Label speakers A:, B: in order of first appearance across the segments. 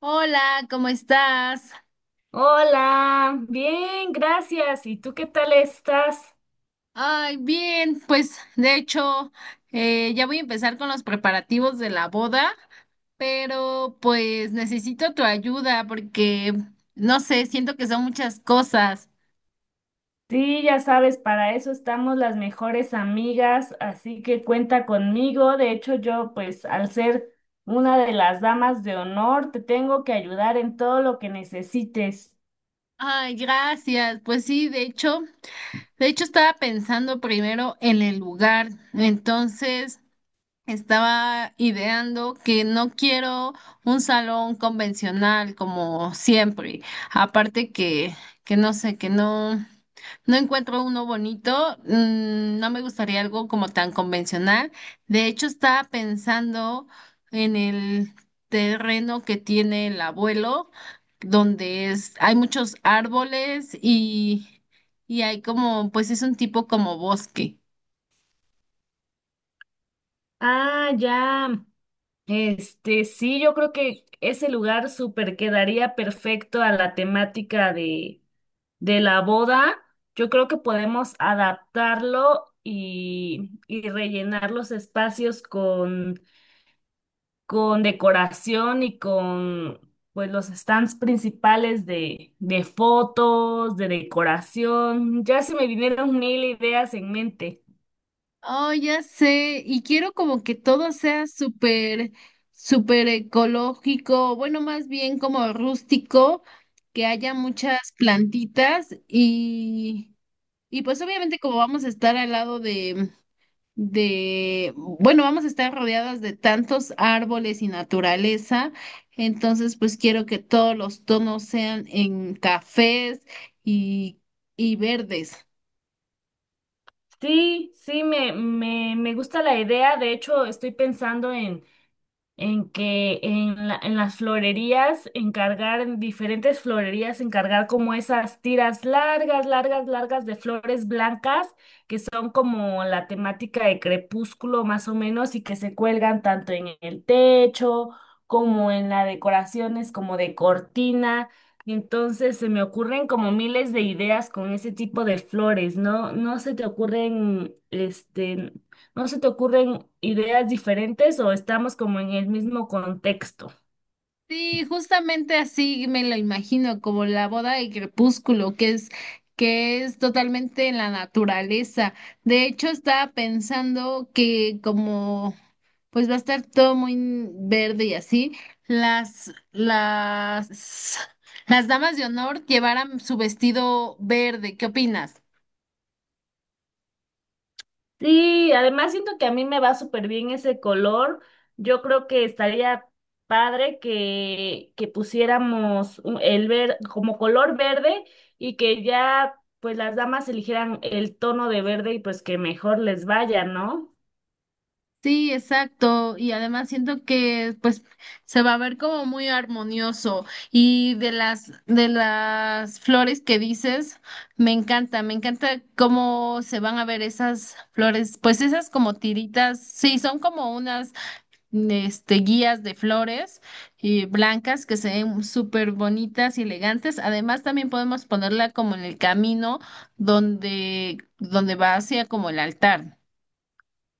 A: Hola, ¿cómo estás?
B: Hola, bien, gracias. ¿Y tú qué tal estás?
A: Ay, bien, pues de hecho ya voy a empezar con los preparativos de la boda, pero pues necesito tu ayuda porque no sé, siento que son muchas cosas.
B: Sí, ya sabes, para eso estamos las mejores amigas, así que cuenta conmigo. De hecho, yo, pues, al ser una de las damas de honor, te tengo que ayudar en todo lo que necesites.
A: Ay, gracias. Pues sí, de hecho estaba pensando primero en el lugar. Entonces, Estaba ideando que no quiero un salón convencional como siempre. Aparte que no sé, que no, no encuentro uno bonito. No me gustaría algo como tan convencional. De hecho, estaba pensando en el terreno que tiene el abuelo, donde es, hay muchos árboles y hay como, pues es un tipo como bosque.
B: Ah, ya. Sí, yo creo que ese lugar súper quedaría perfecto a la temática de la boda, yo creo que podemos adaptarlo y rellenar los espacios con decoración y con pues los stands principales de fotos, de decoración. Ya se me vinieron mil ideas en mente.
A: Oh, ya sé, y quiero como que todo sea súper ecológico, bueno, más bien como rústico, que haya muchas plantitas y pues obviamente como vamos a estar al lado bueno, vamos a estar rodeadas de tantos árboles y naturaleza, entonces pues quiero que todos los tonos sean en cafés y, y verdes.
B: Sí, me gusta la idea. De hecho, estoy pensando en que en, la- en las florerías encargar, en diferentes florerías encargar como esas tiras largas de flores blancas, que son como la temática de crepúsculo más o menos y que se cuelgan tanto en el techo como en las decoraciones, como de cortina. Entonces se me ocurren como miles de ideas con ese tipo de flores, ¿no? ¿No se te ocurren este ¿No se te ocurren ideas diferentes o estamos como en el mismo contexto?
A: Sí, justamente así me lo imagino, como la boda de crepúsculo, que es totalmente en la naturaleza. De hecho, estaba pensando que como pues va a estar todo muy verde y así, las, las, las damas de honor llevaran su vestido verde. ¿Qué opinas?
B: Sí, además siento que a mí me va súper bien ese color. Yo creo que estaría padre que pusiéramos el ver como color verde y que ya pues las damas eligieran el tono de verde y pues que mejor les vaya, ¿no?
A: Sí, exacto. Y además siento que pues se va a ver como muy armonioso. Y de las flores que dices, me encanta cómo se van a ver esas flores, pues esas como tiritas, sí, son como unas este guías de flores y blancas que se ven súper bonitas y elegantes. Además también podemos ponerla como en el camino donde va hacia como el altar.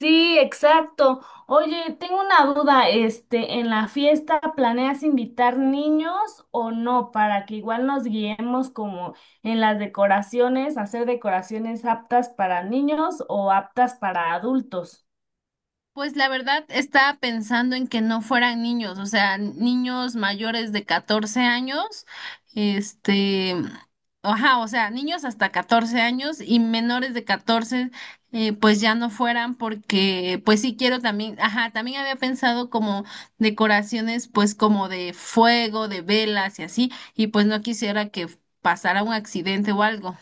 B: Sí, exacto. Oye, tengo una duda, este, ¿en la fiesta planeas invitar niños o no? Para que igual nos guiemos como en las decoraciones, hacer decoraciones aptas para niños o aptas para adultos.
A: Pues la verdad estaba pensando en que no fueran niños, o sea, niños mayores de 14 años, este, ajá, o sea, niños hasta 14 años y menores de 14, pues ya no fueran porque, pues sí quiero también, ajá, también había pensado como decoraciones, pues como de fuego, de velas y así, y pues no quisiera que pasara un accidente o algo.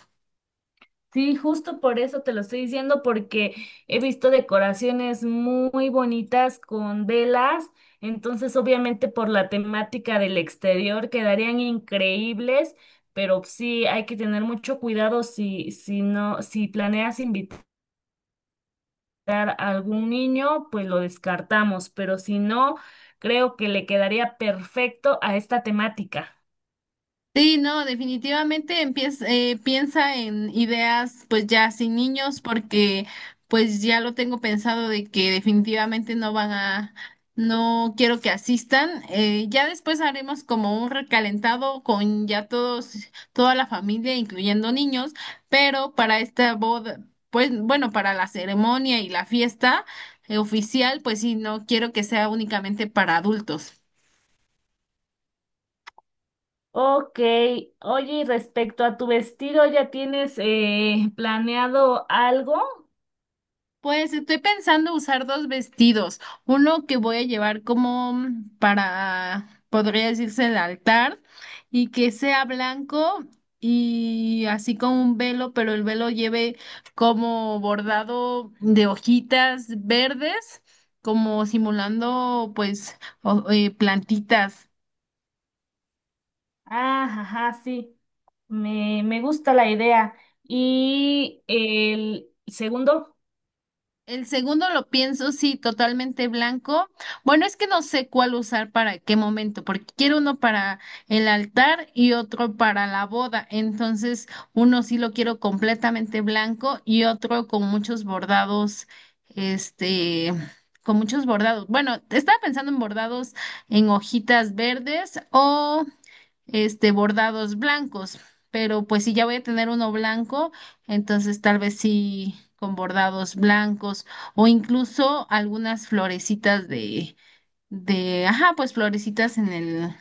B: Sí, justo por eso te lo estoy diciendo, porque he visto decoraciones muy bonitas con velas, entonces obviamente por la temática del exterior quedarían increíbles, pero sí hay que tener mucho cuidado si planeas invitar a algún niño, pues lo descartamos, pero si no, creo que le quedaría perfecto a esta temática.
A: Sí, no, definitivamente empieza, piensa en ideas pues ya sin niños porque pues ya lo tengo pensado de que definitivamente no quiero que asistan. Ya después haremos como un recalentado con ya todos, toda la familia, incluyendo niños, pero para esta boda, pues bueno, para la ceremonia y la fiesta oficial, pues sí, no quiero que sea únicamente para adultos.
B: Ok, oye, y respecto a tu vestido, ¿ya tienes planeado algo?
A: Pues estoy pensando usar dos vestidos, uno que voy a llevar como podría decirse, el altar y que sea blanco y así con un velo, pero el velo lleve como bordado de hojitas verdes, como simulando pues plantitas.
B: Ah, ajá, sí, me gusta la idea. ¿Y el segundo?
A: El segundo lo pienso, sí, totalmente blanco. Bueno, es que no sé cuál usar para qué momento, porque quiero uno para el altar y otro para la boda. Entonces, uno sí lo quiero completamente blanco y otro con muchos bordados, este, con muchos bordados. Bueno, estaba pensando en bordados en hojitas verdes o bordados blancos, pero pues si ya voy a tener uno blanco, entonces tal vez sí con bordados blancos o incluso algunas florecitas ajá, pues florecitas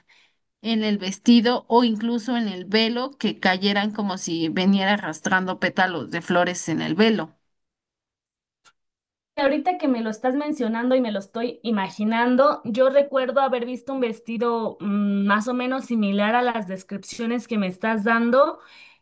A: en el vestido o incluso en el velo que cayeran como si veniera arrastrando pétalos de flores en el velo.
B: Ahorita que me lo estás mencionando y me lo estoy imaginando, yo recuerdo haber visto un vestido más o menos similar a las descripciones que me estás dando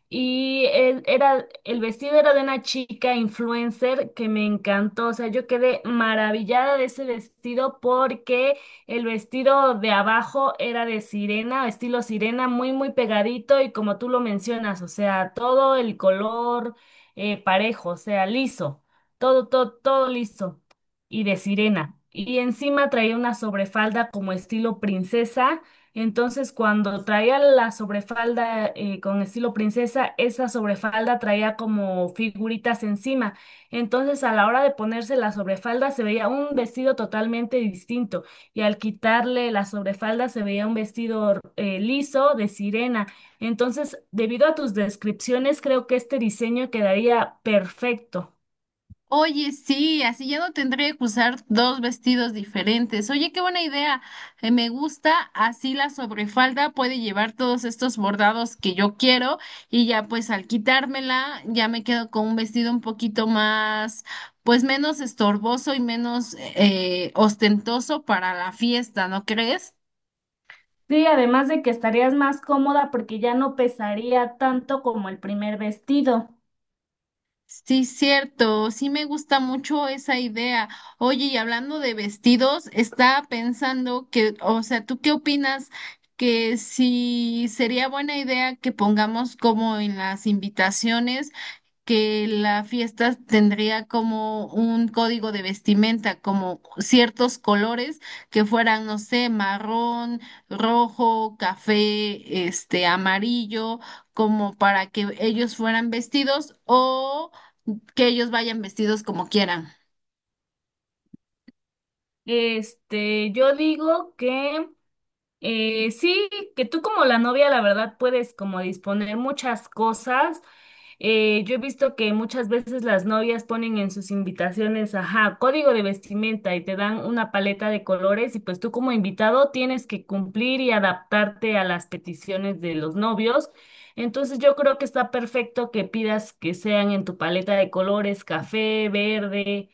B: y el vestido era de una chica influencer que me encantó, o sea, yo quedé maravillada de ese vestido porque el vestido de abajo era de sirena, estilo sirena, muy, muy pegadito y como tú lo mencionas, o sea, todo el color parejo, o sea, liso todo listo. Y de sirena. Y encima traía una sobrefalda como estilo princesa. Entonces, cuando traía la sobrefalda con estilo princesa, esa sobrefalda traía como figuritas encima. Entonces, a la hora de ponerse la sobrefalda, se veía un vestido totalmente distinto. Y al quitarle la sobrefalda, se veía un vestido liso de sirena. Entonces, debido a tus descripciones, creo que este diseño quedaría perfecto.
A: Oye, sí, así ya no tendré que usar dos vestidos diferentes. Oye, qué buena idea. Me gusta, así la sobrefalda puede llevar todos estos bordados que yo quiero y ya pues al quitármela ya me quedo con un vestido un poquito más, pues menos estorboso y menos ostentoso para la fiesta, ¿no crees?
B: Sí, además de que estarías más cómoda porque ya no pesaría tanto como el primer vestido.
A: Sí, cierto, sí me gusta mucho esa idea. Oye, y hablando de vestidos, estaba pensando que, o sea, ¿tú qué opinas que si sería buena idea que pongamos como en las invitaciones que la fiesta tendría como un código de vestimenta, como ciertos colores que fueran, no sé, marrón, rojo, café, este, amarillo, como para que ellos fueran vestidos o que ellos vayan vestidos como quieran?
B: Este, yo digo que Sí, que tú como la novia, la verdad, puedes como disponer muchas cosas. Yo he visto que muchas veces las novias ponen en sus invitaciones, ajá, código de vestimenta y te dan una paleta de colores y pues tú como invitado tienes que cumplir y adaptarte a las peticiones de los novios. Entonces yo creo que está perfecto que pidas que sean en tu paleta de colores, café, verde.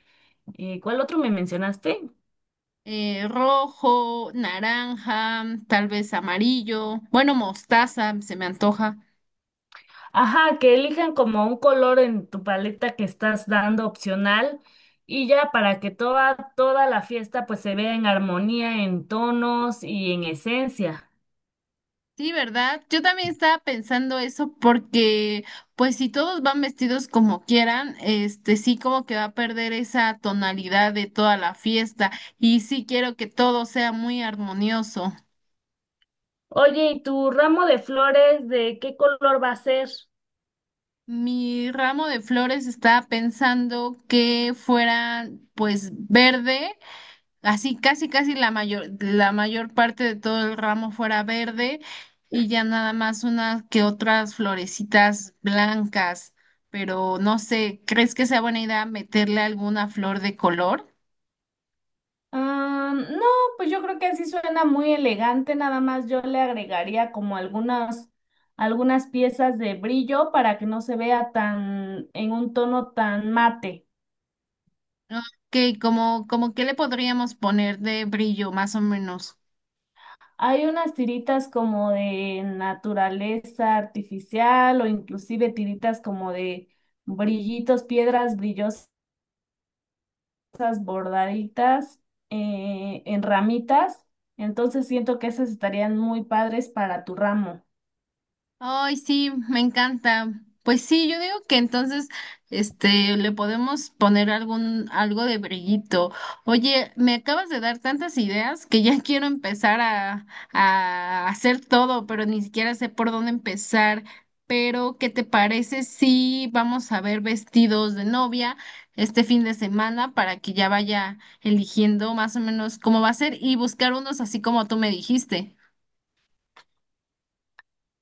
B: ¿Cuál otro me mencionaste?
A: Rojo, naranja, tal vez amarillo, bueno, mostaza, se me antoja.
B: Ajá, que elijan como un color en tu paleta que estás dando opcional y ya para que toda la fiesta pues se vea en armonía, en tonos y en esencia.
A: Sí, ¿verdad? Yo también estaba pensando eso porque, pues, si todos van vestidos como quieran, este sí como que va a perder esa tonalidad de toda la fiesta y sí quiero que todo sea muy armonioso.
B: Oye, ¿y tu ramo de flores de qué color va a ser?
A: Mi ramo de flores estaba pensando que fueran, pues, verde. Así casi casi la mayor parte de todo el ramo fuera verde y ya nada más unas que otras florecitas blancas, pero no sé, ¿crees que sea buena idea meterle alguna flor de color?
B: Ah, no, pues yo creo que así suena muy elegante, nada más yo le agregaría como algunas piezas de brillo para que no se vea tan en un tono tan mate.
A: Ok, como que le podríamos poner de brillo, más o menos.
B: Hay unas tiritas como de naturaleza artificial o inclusive tiritas como de brillitos, piedras brillosas bordaditas en ramitas. Entonces siento que esas estarían muy padres para tu ramo.
A: Ay, sí, me encanta. Pues sí, yo digo que entonces, este, le podemos poner algo de brillito. Oye, me acabas de dar tantas ideas que ya quiero a hacer todo, pero ni siquiera sé por dónde empezar. Pero, ¿qué te parece si vamos a ver vestidos de novia este fin de semana para que ya vaya eligiendo más o menos cómo va a ser y buscar unos así como tú me dijiste?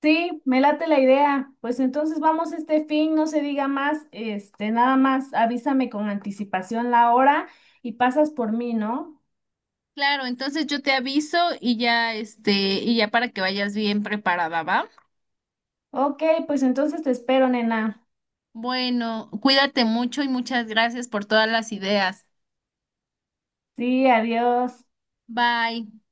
B: Sí, me late la idea. Pues entonces vamos este fin, no se diga más, este, nada más avísame con anticipación la hora y pasas por mí, ¿no?
A: Claro, entonces yo te aviso y ya este, y ya para que vayas bien preparada, ¿va?
B: Ok, pues entonces te espero, nena.
A: Bueno, cuídate mucho y muchas gracias por todas las ideas.
B: Sí, adiós.
A: Bye.